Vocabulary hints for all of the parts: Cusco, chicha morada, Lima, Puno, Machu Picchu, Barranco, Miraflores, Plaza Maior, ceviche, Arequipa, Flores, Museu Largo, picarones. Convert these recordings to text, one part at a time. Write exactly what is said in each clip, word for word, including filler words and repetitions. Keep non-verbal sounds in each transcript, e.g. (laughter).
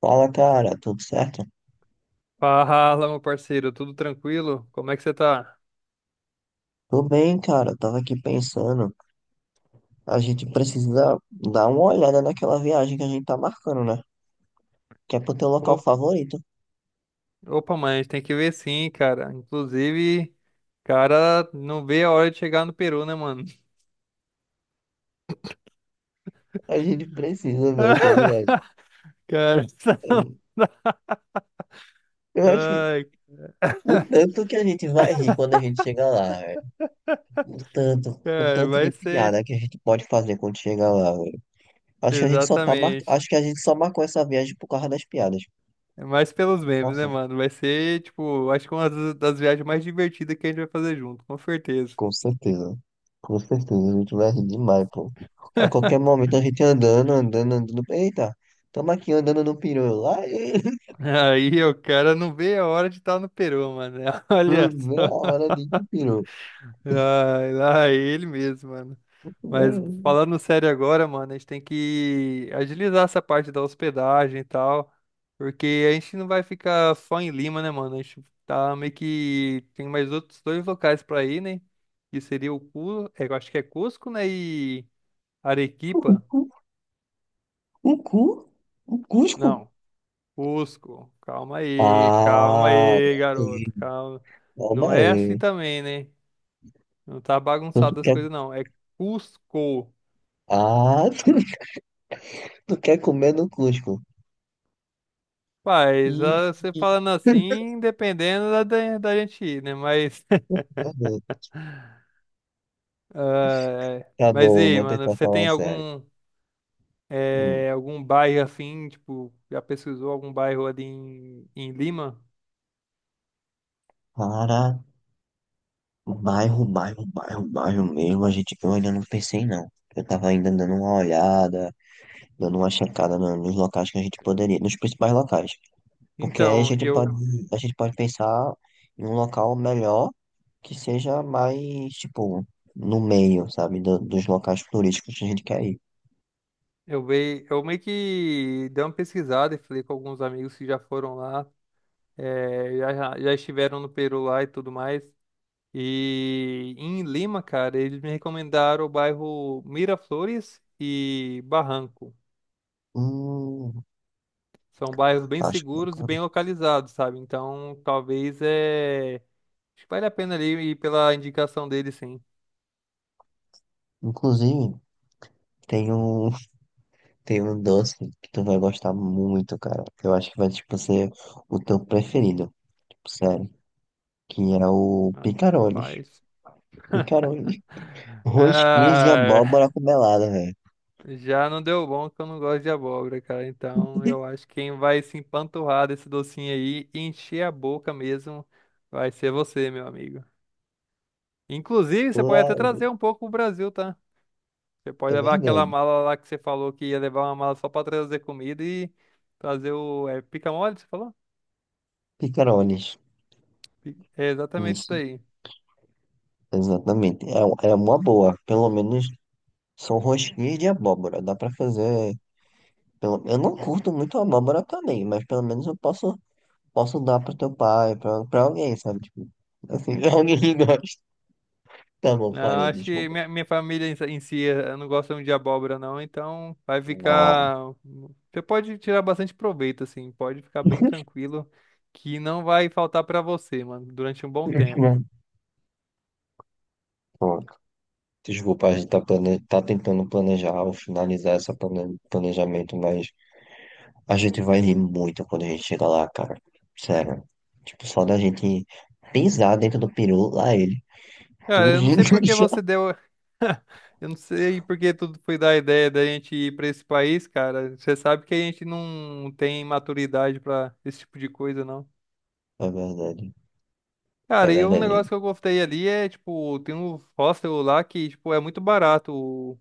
Fala, cara, tudo certo? Fala, meu parceiro, tudo tranquilo? Como é que você tá? Tô bem, cara. Tava aqui pensando, a gente precisa dar uma olhada naquela viagem que a gente tá marcando, né? Que é pro teu local Op- favorito. Opa, mãe, a gente tem que ver sim, cara. Inclusive, cara, não vê a hora de chegar no Peru, né, mano? A gente precisa ver essa viagem. (laughs) Cara, (laughs) Eu acho que ai, o tanto que a gente vai rir quando a gente chegar lá, velho. O tanto, o cara, tanto de vai ser. piada que a gente pode fazer quando chegar lá, velho. Acho que a gente só tá mar... Exatamente. Acho que a gente só marcou essa viagem por causa das piadas. É mais pelos memes, né, Nossa. mano? Vai ser, tipo, acho que uma das das viagens mais divertidas que a gente vai fazer junto, com certeza. Com certeza. Com certeza. A gente vai rir demais, pô. A qualquer momento a gente andando, andando, andando. Eita, tamo aqui andando no peru. Lá, (laughs) e- (laughs) Aí, o cara não vê a hora de estar no Peru, mano. (laughs) Olha não vê a só. hora de ir pro peru. Ai, lá é ele mesmo, mano. Mas Vai. falando sério agora, mano, a gente tem que agilizar essa parte da hospedagem e tal, porque a gente não vai ficar só em Lima, né, mano? A gente tá meio que tem mais outros dois locais pra ir, né? Que seria o Cu, é, eu acho que é Cusco, né, e Arequipa. O (laughs) cu? O Cusco? Não, Cusco. Calma aí, calma Ah, aí, aí. garoto. Calma. Calma Não é assim aí. também, né? Não tá Então tu bagunçado as quer... coisas não. É Cusco. Ah, (laughs) tu tu quer comer no Cusco. Paz, Ih, ah, você (laughs) falando assim, dependendo da, da, da gente ir, né? Mas, meu Deus. (laughs) ah, é. Tá Mas e bom, aí, vou mano, tentar você falar tem sério. algum, Hum. eh, algum bairro assim, tipo, já pesquisou algum bairro ali em, em Lima? O bairro, bairro, bairro, bairro mesmo, a gente que eu ainda não pensei não. Eu tava ainda dando uma olhada, dando uma checada no- nos locais que a gente poderia, nos principais locais. Porque aí a Então, gente pode, eu, a gente pode pensar em um local melhor que seja mais, tipo, no meio, sabe, do- dos locais turísticos que a gente quer ir. eu, veio, eu meio que dei uma pesquisada e falei com alguns amigos que já foram lá, eh, já, já já estiveram no Peru lá e tudo mais. E em Lima, cara, eles me recomendaram o bairro Miraflores e Barranco. Hum, São bairros bem Acho seguros e bacana. bem localizados, sabe? Então, talvez é. Acho que vale a pena ali ir pela indicação dele, sim. Inclusive, tem um, (laughs) tem um doce que tu vai gostar muito, cara. Que eu acho que vai, tipo, ser o teu preferido. Tipo, sério. Que é o picarones. Rapaz. Picarones. Rosquinhas de abóbora Ah, com melada, velho. já não deu bom que eu não gosto de abóbora, cara. Então, eu acho que quem vai se empanturrar desse docinho aí e encher a boca mesmo vai ser você, meu amigo. Inclusive, você pode Lá, até trazer um pouco pro Brasil, tá? Você pode é levar aquela verdade. mala lá que você falou que ia levar uma mala só pra trazer comida e trazer o. É pica-mole, você falou? Picarones. É exatamente isso Isso, daí. exatamente. É, é uma boa. Pelo menos são rosquinhas de abóbora. Dá pra fazer. Pelo, eu não curto muito abóbora também, mas pelo menos eu posso, posso dar pro teu pai, pra, pra alguém, sabe? Tipo, assim, (laughs) alguém que gosta. Tá bom, Não, parei, acho que desculpa. minha, minha família em si, em si, eh, não gosta muito de abóbora, não, então vai Ah, ficar. Você pode tirar bastante proveito, assim, pode ficar bem tranquilo, que não vai faltar pra você, mano, durante um bom tempo. (laughs) pô, desculpa, a gente tá, plane... tá tentando planejar ou finalizar esse planejamento, mas a gente vai rir muito quando a gente chegar lá, cara. Sério. Tipo, só da gente pisar dentro do peru, lá ele. Cara, Tudo eu não de sei por (laughs) que já. você deu. (laughs) Eu não sei por que tudo foi da ideia da gente ir pra esse país, cara. Você sabe que a gente não tem maturidade pra esse tipo de coisa, não. É verdade. É Cara, e um verdade. negócio que eu gostei ali é, tipo, tem um hostel lá que, tipo, é muito barato o-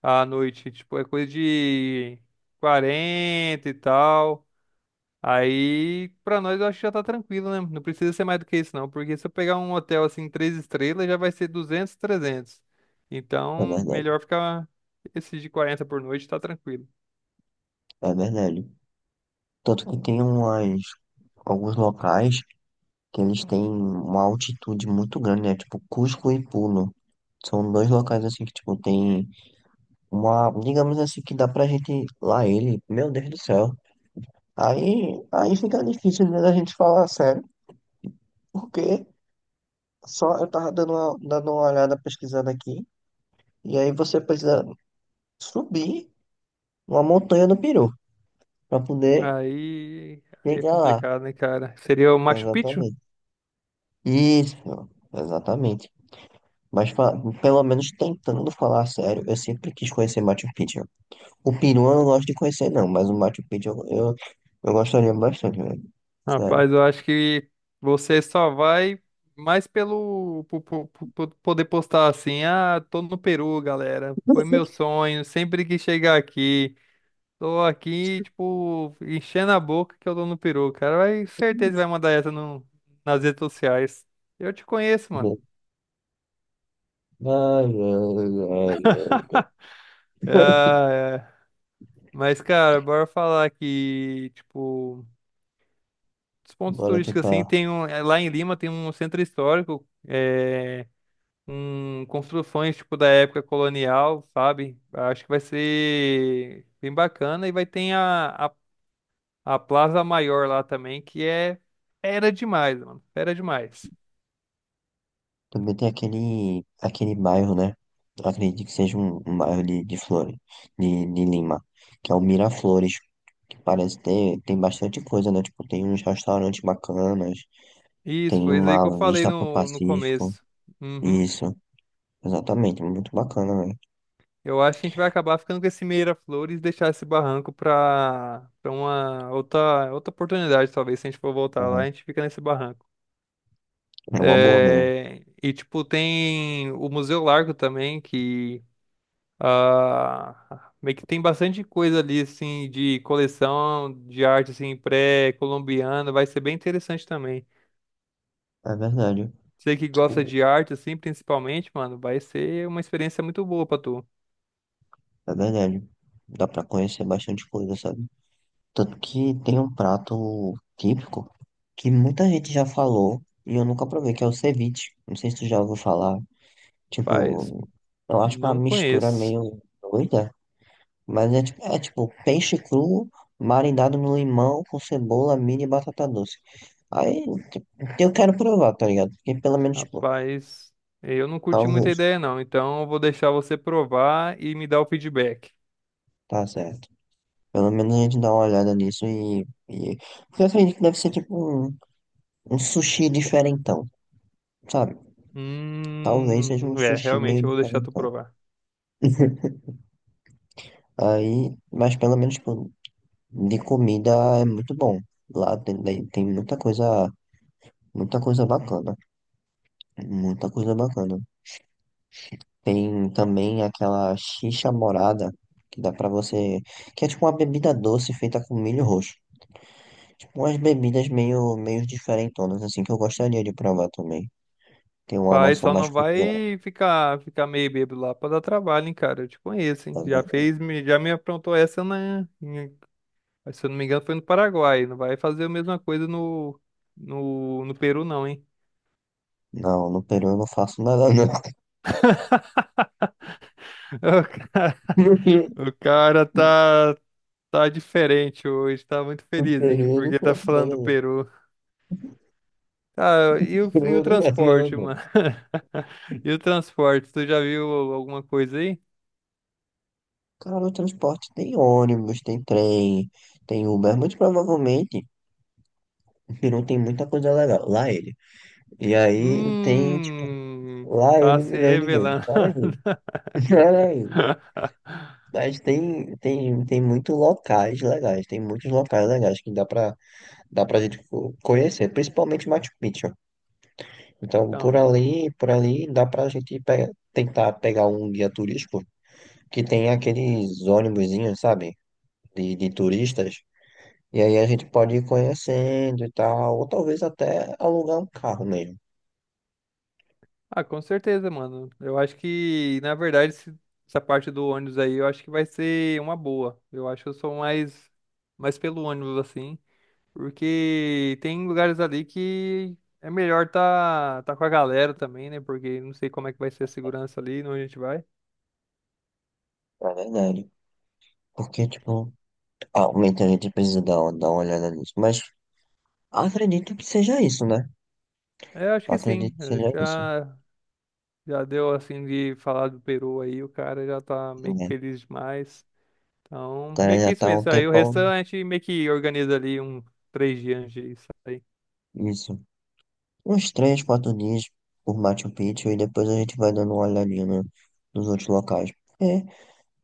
a noite. Tipo, é coisa de quarenta e tal. Aí, pra nós, eu acho que já tá tranquilo, né? Não precisa ser mais do que isso, não. Porque se eu pegar um hotel, assim, três estrelas, já vai ser duzentos trezentos. É Então, verdade. melhor ficar esses de quarenta por noite, tá tranquilo. É verdade. Tanto que tem umas... alguns locais que eles têm uma altitude muito grande, né? Tipo, Cusco e Puno. São dois locais assim que, tipo, tem uma, digamos assim, que dá pra gente lá ele. Meu Deus do céu. Aí, aí fica difícil né, da gente falar sério, porque só eu tava dando uma, dando uma olhada, pesquisando aqui, e aí você precisa subir uma montanha do Peru para poder Aí, aí é chegar lá. complicado, né, cara? Seria o Machu Picchu? Exatamente. Isso, exatamente. Mas fa- pelo menos tentando falar sério, eu sempre quis conhecer Machu Picchu. O Peru eu não gosto de conhecer, não, mas o Machu Picchu eu, eu, eu gostaria bastante, velho. Sério. Rapaz, eu acho que você só vai mais pelo po- po- po- po- poder postar assim, ah, tô no Peru, galera. Foi meu (laughs) sonho, sempre que chegar aqui, tô aqui, tipo, enchendo a boca que eu tô no Peru, cara. Vai, certeza vai mandar essa no, nas redes sociais. Eu te conheço, mano. Ai, ai, ai, ai. Ah, é. Mas, cara, bora falar que, tipo, os pontos Bora turísticos assim, tentar. tem um, é, lá em Lima tem um centro histórico. É, com construções tipo da época colonial, sabe? Acho que vai ser bem bacana e vai ter a, a, a Plaza Maior lá também, que é fera demais, mano, fera demais. Também tem aquele, aquele bairro, né? Eu acredito que seja um, um bairro de, de Flores, de, de Lima, que é o Miraflores, que parece ter, tem bastante coisa, né? Tipo, tem uns restaurantes bacanas, Isso, tem foi isso aí que eu uma falei vista pro no, no Pacífico. começo. Uhum. Isso, exatamente, muito bacana, né? Eu acho que a gente vai acabar ficando com esse Meira-Flores e deixar esse barranco para para uma outra, outra oportunidade, talvez, se a gente for voltar lá, É, a gente fica nesse barranco. é uma boa mesmo. É, e, tipo, tem o Museu Largo também, que ah, meio que tem bastante coisa ali, assim, de coleção de arte, assim, pré-colombiana. Vai ser bem interessante também. É verdade, Você que gosta tipo, de arte, assim, principalmente, mano, vai ser uma experiência muito boa pra tu. é verdade. Dá pra conhecer bastante coisa, sabe? Tanto que tem um prato típico que muita gente já falou e eu nunca provei, que é o ceviche. Não sei se tu já ouviu falar. Rapaz, Tipo, eu acho uma não mistura conheço. meio doida, mas é, tipo- é tipo peixe cru marinado no limão com cebola, milho e batata doce. Aí tipo, eu quero provar, tá ligado? Porque pelo menos, tipo, Rapaz, eu não curti muita talvez. ideia, não. Então, eu vou deixar você provar e me dar o feedback. Tá certo. Pelo menos a gente dá uma olhada nisso e, e... Porque eu acredito que deve ser tipo um, um sushi diferentão, sabe? Talvez seja um Hum, é, sushi meio realmente eu vou deixar tu diferentão. provar. (laughs) Aí, mas pelo menos, tipo, de comida é muito bom. Lá tem, tem tem muita coisa, muita coisa bacana. Muita coisa bacana. Tem também aquela xixa morada, que dá pra você. Que é tipo uma bebida doce feita com milho roxo. Tipo umas bebidas meio, meio diferentonas, assim, que eu gostaria de provar também. Tem uma Vai, noção só mais não cultural, vai ficar, ficar meio bêbado lá pra dar trabalho, hein, cara. Eu te conheço, tá hein? Já vendo? fez, me- já me aprontou essa na, em- se eu não me engano, foi no Paraguai. Não vai fazer a mesma coisa no, no, no Peru, não, hein? Não, no Peru eu não faço nada, não. (laughs) O cara, (laughs) o cara tá, tá diferente hoje, tá muito No Peru felizinho, eu não porque tá faço falando do nada. Peru. Ah, e o, e Não, o não, não, transporte, não. mano? (laughs) E o transporte, tu já viu alguma coisa aí? Cara, no transporte tem ônibus, tem trem, tem Uber. Muito provavelmente o Peru tem muita coisa legal. Lá ele. E aí tem, tipo, Hum, lá tá ele se milhões de vezes. revelando. Para aí, (laughs) (laughs) para aí. Mas tem, tem, tem muitos locais legais. Tem muitos locais legais que dá pra, dá pra gente co- conhecer. Principalmente Machu Picchu. Então, por Então. ali, por ali, dá pra gente pe- tentar pegar um guia turístico que tem aqueles ônibusinhos, sabe? De, de turistas. E aí a gente pode ir conhecendo e tal, ou talvez até alugar um carro mesmo, Ah, com certeza, mano. Eu acho que, na verdade, esse- essa parte do ônibus aí, eu acho que vai ser uma boa. Eu acho que eu sou mais, mais pelo ônibus, assim, porque tem lugares ali que é melhor tá, tá com a galera também, né? Porque não sei como é que vai ser a segurança ali, onde a gente vai. na verdade. Porque, tipo, realmente a gente precisa dar, uma- dar uma olhada nisso. Mas acredito que seja isso, né? É, eu acho que sim. Acredito que Eu seja isso, Já, já deu, assim, de falar do Peru aí, o cara já tá meio que né? feliz demais. O Então, cara meio já que isso tá há um mesmo. Aí o tempão. restante, a gente meio que organiza ali um três dias antes disso. Isso. Uns três, quatro dias por Machu Picchu e depois a gente vai dando uma olhadinha no- nos outros locais. É,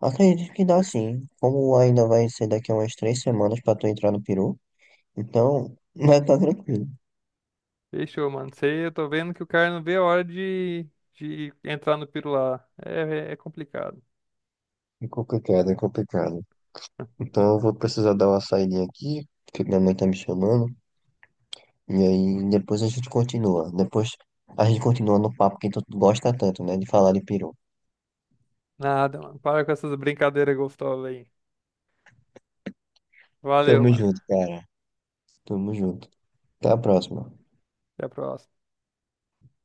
acredito que dá sim. Como ainda vai ser daqui a umas três semanas pra tu entrar no Peru, então (laughs) vai estar tranquilo. Fechou, mano. Sei, eu tô vendo que o cara não vê a hora de, de entrar no piro lá. É, é, é complicado. É complicado, é complicado. Então eu vou precisar dar uma saída aqui, porque minha mãe tá me chamando. E aí depois a gente continua. Depois a gente continua no papo que tu gosta tanto, né? De falar de peru. Nada, mano. Para com essas brincadeiras gostosas aí. Valeu, Tamo mano. junto, cara. Tamo junto. Até a próxima. Até a próxima.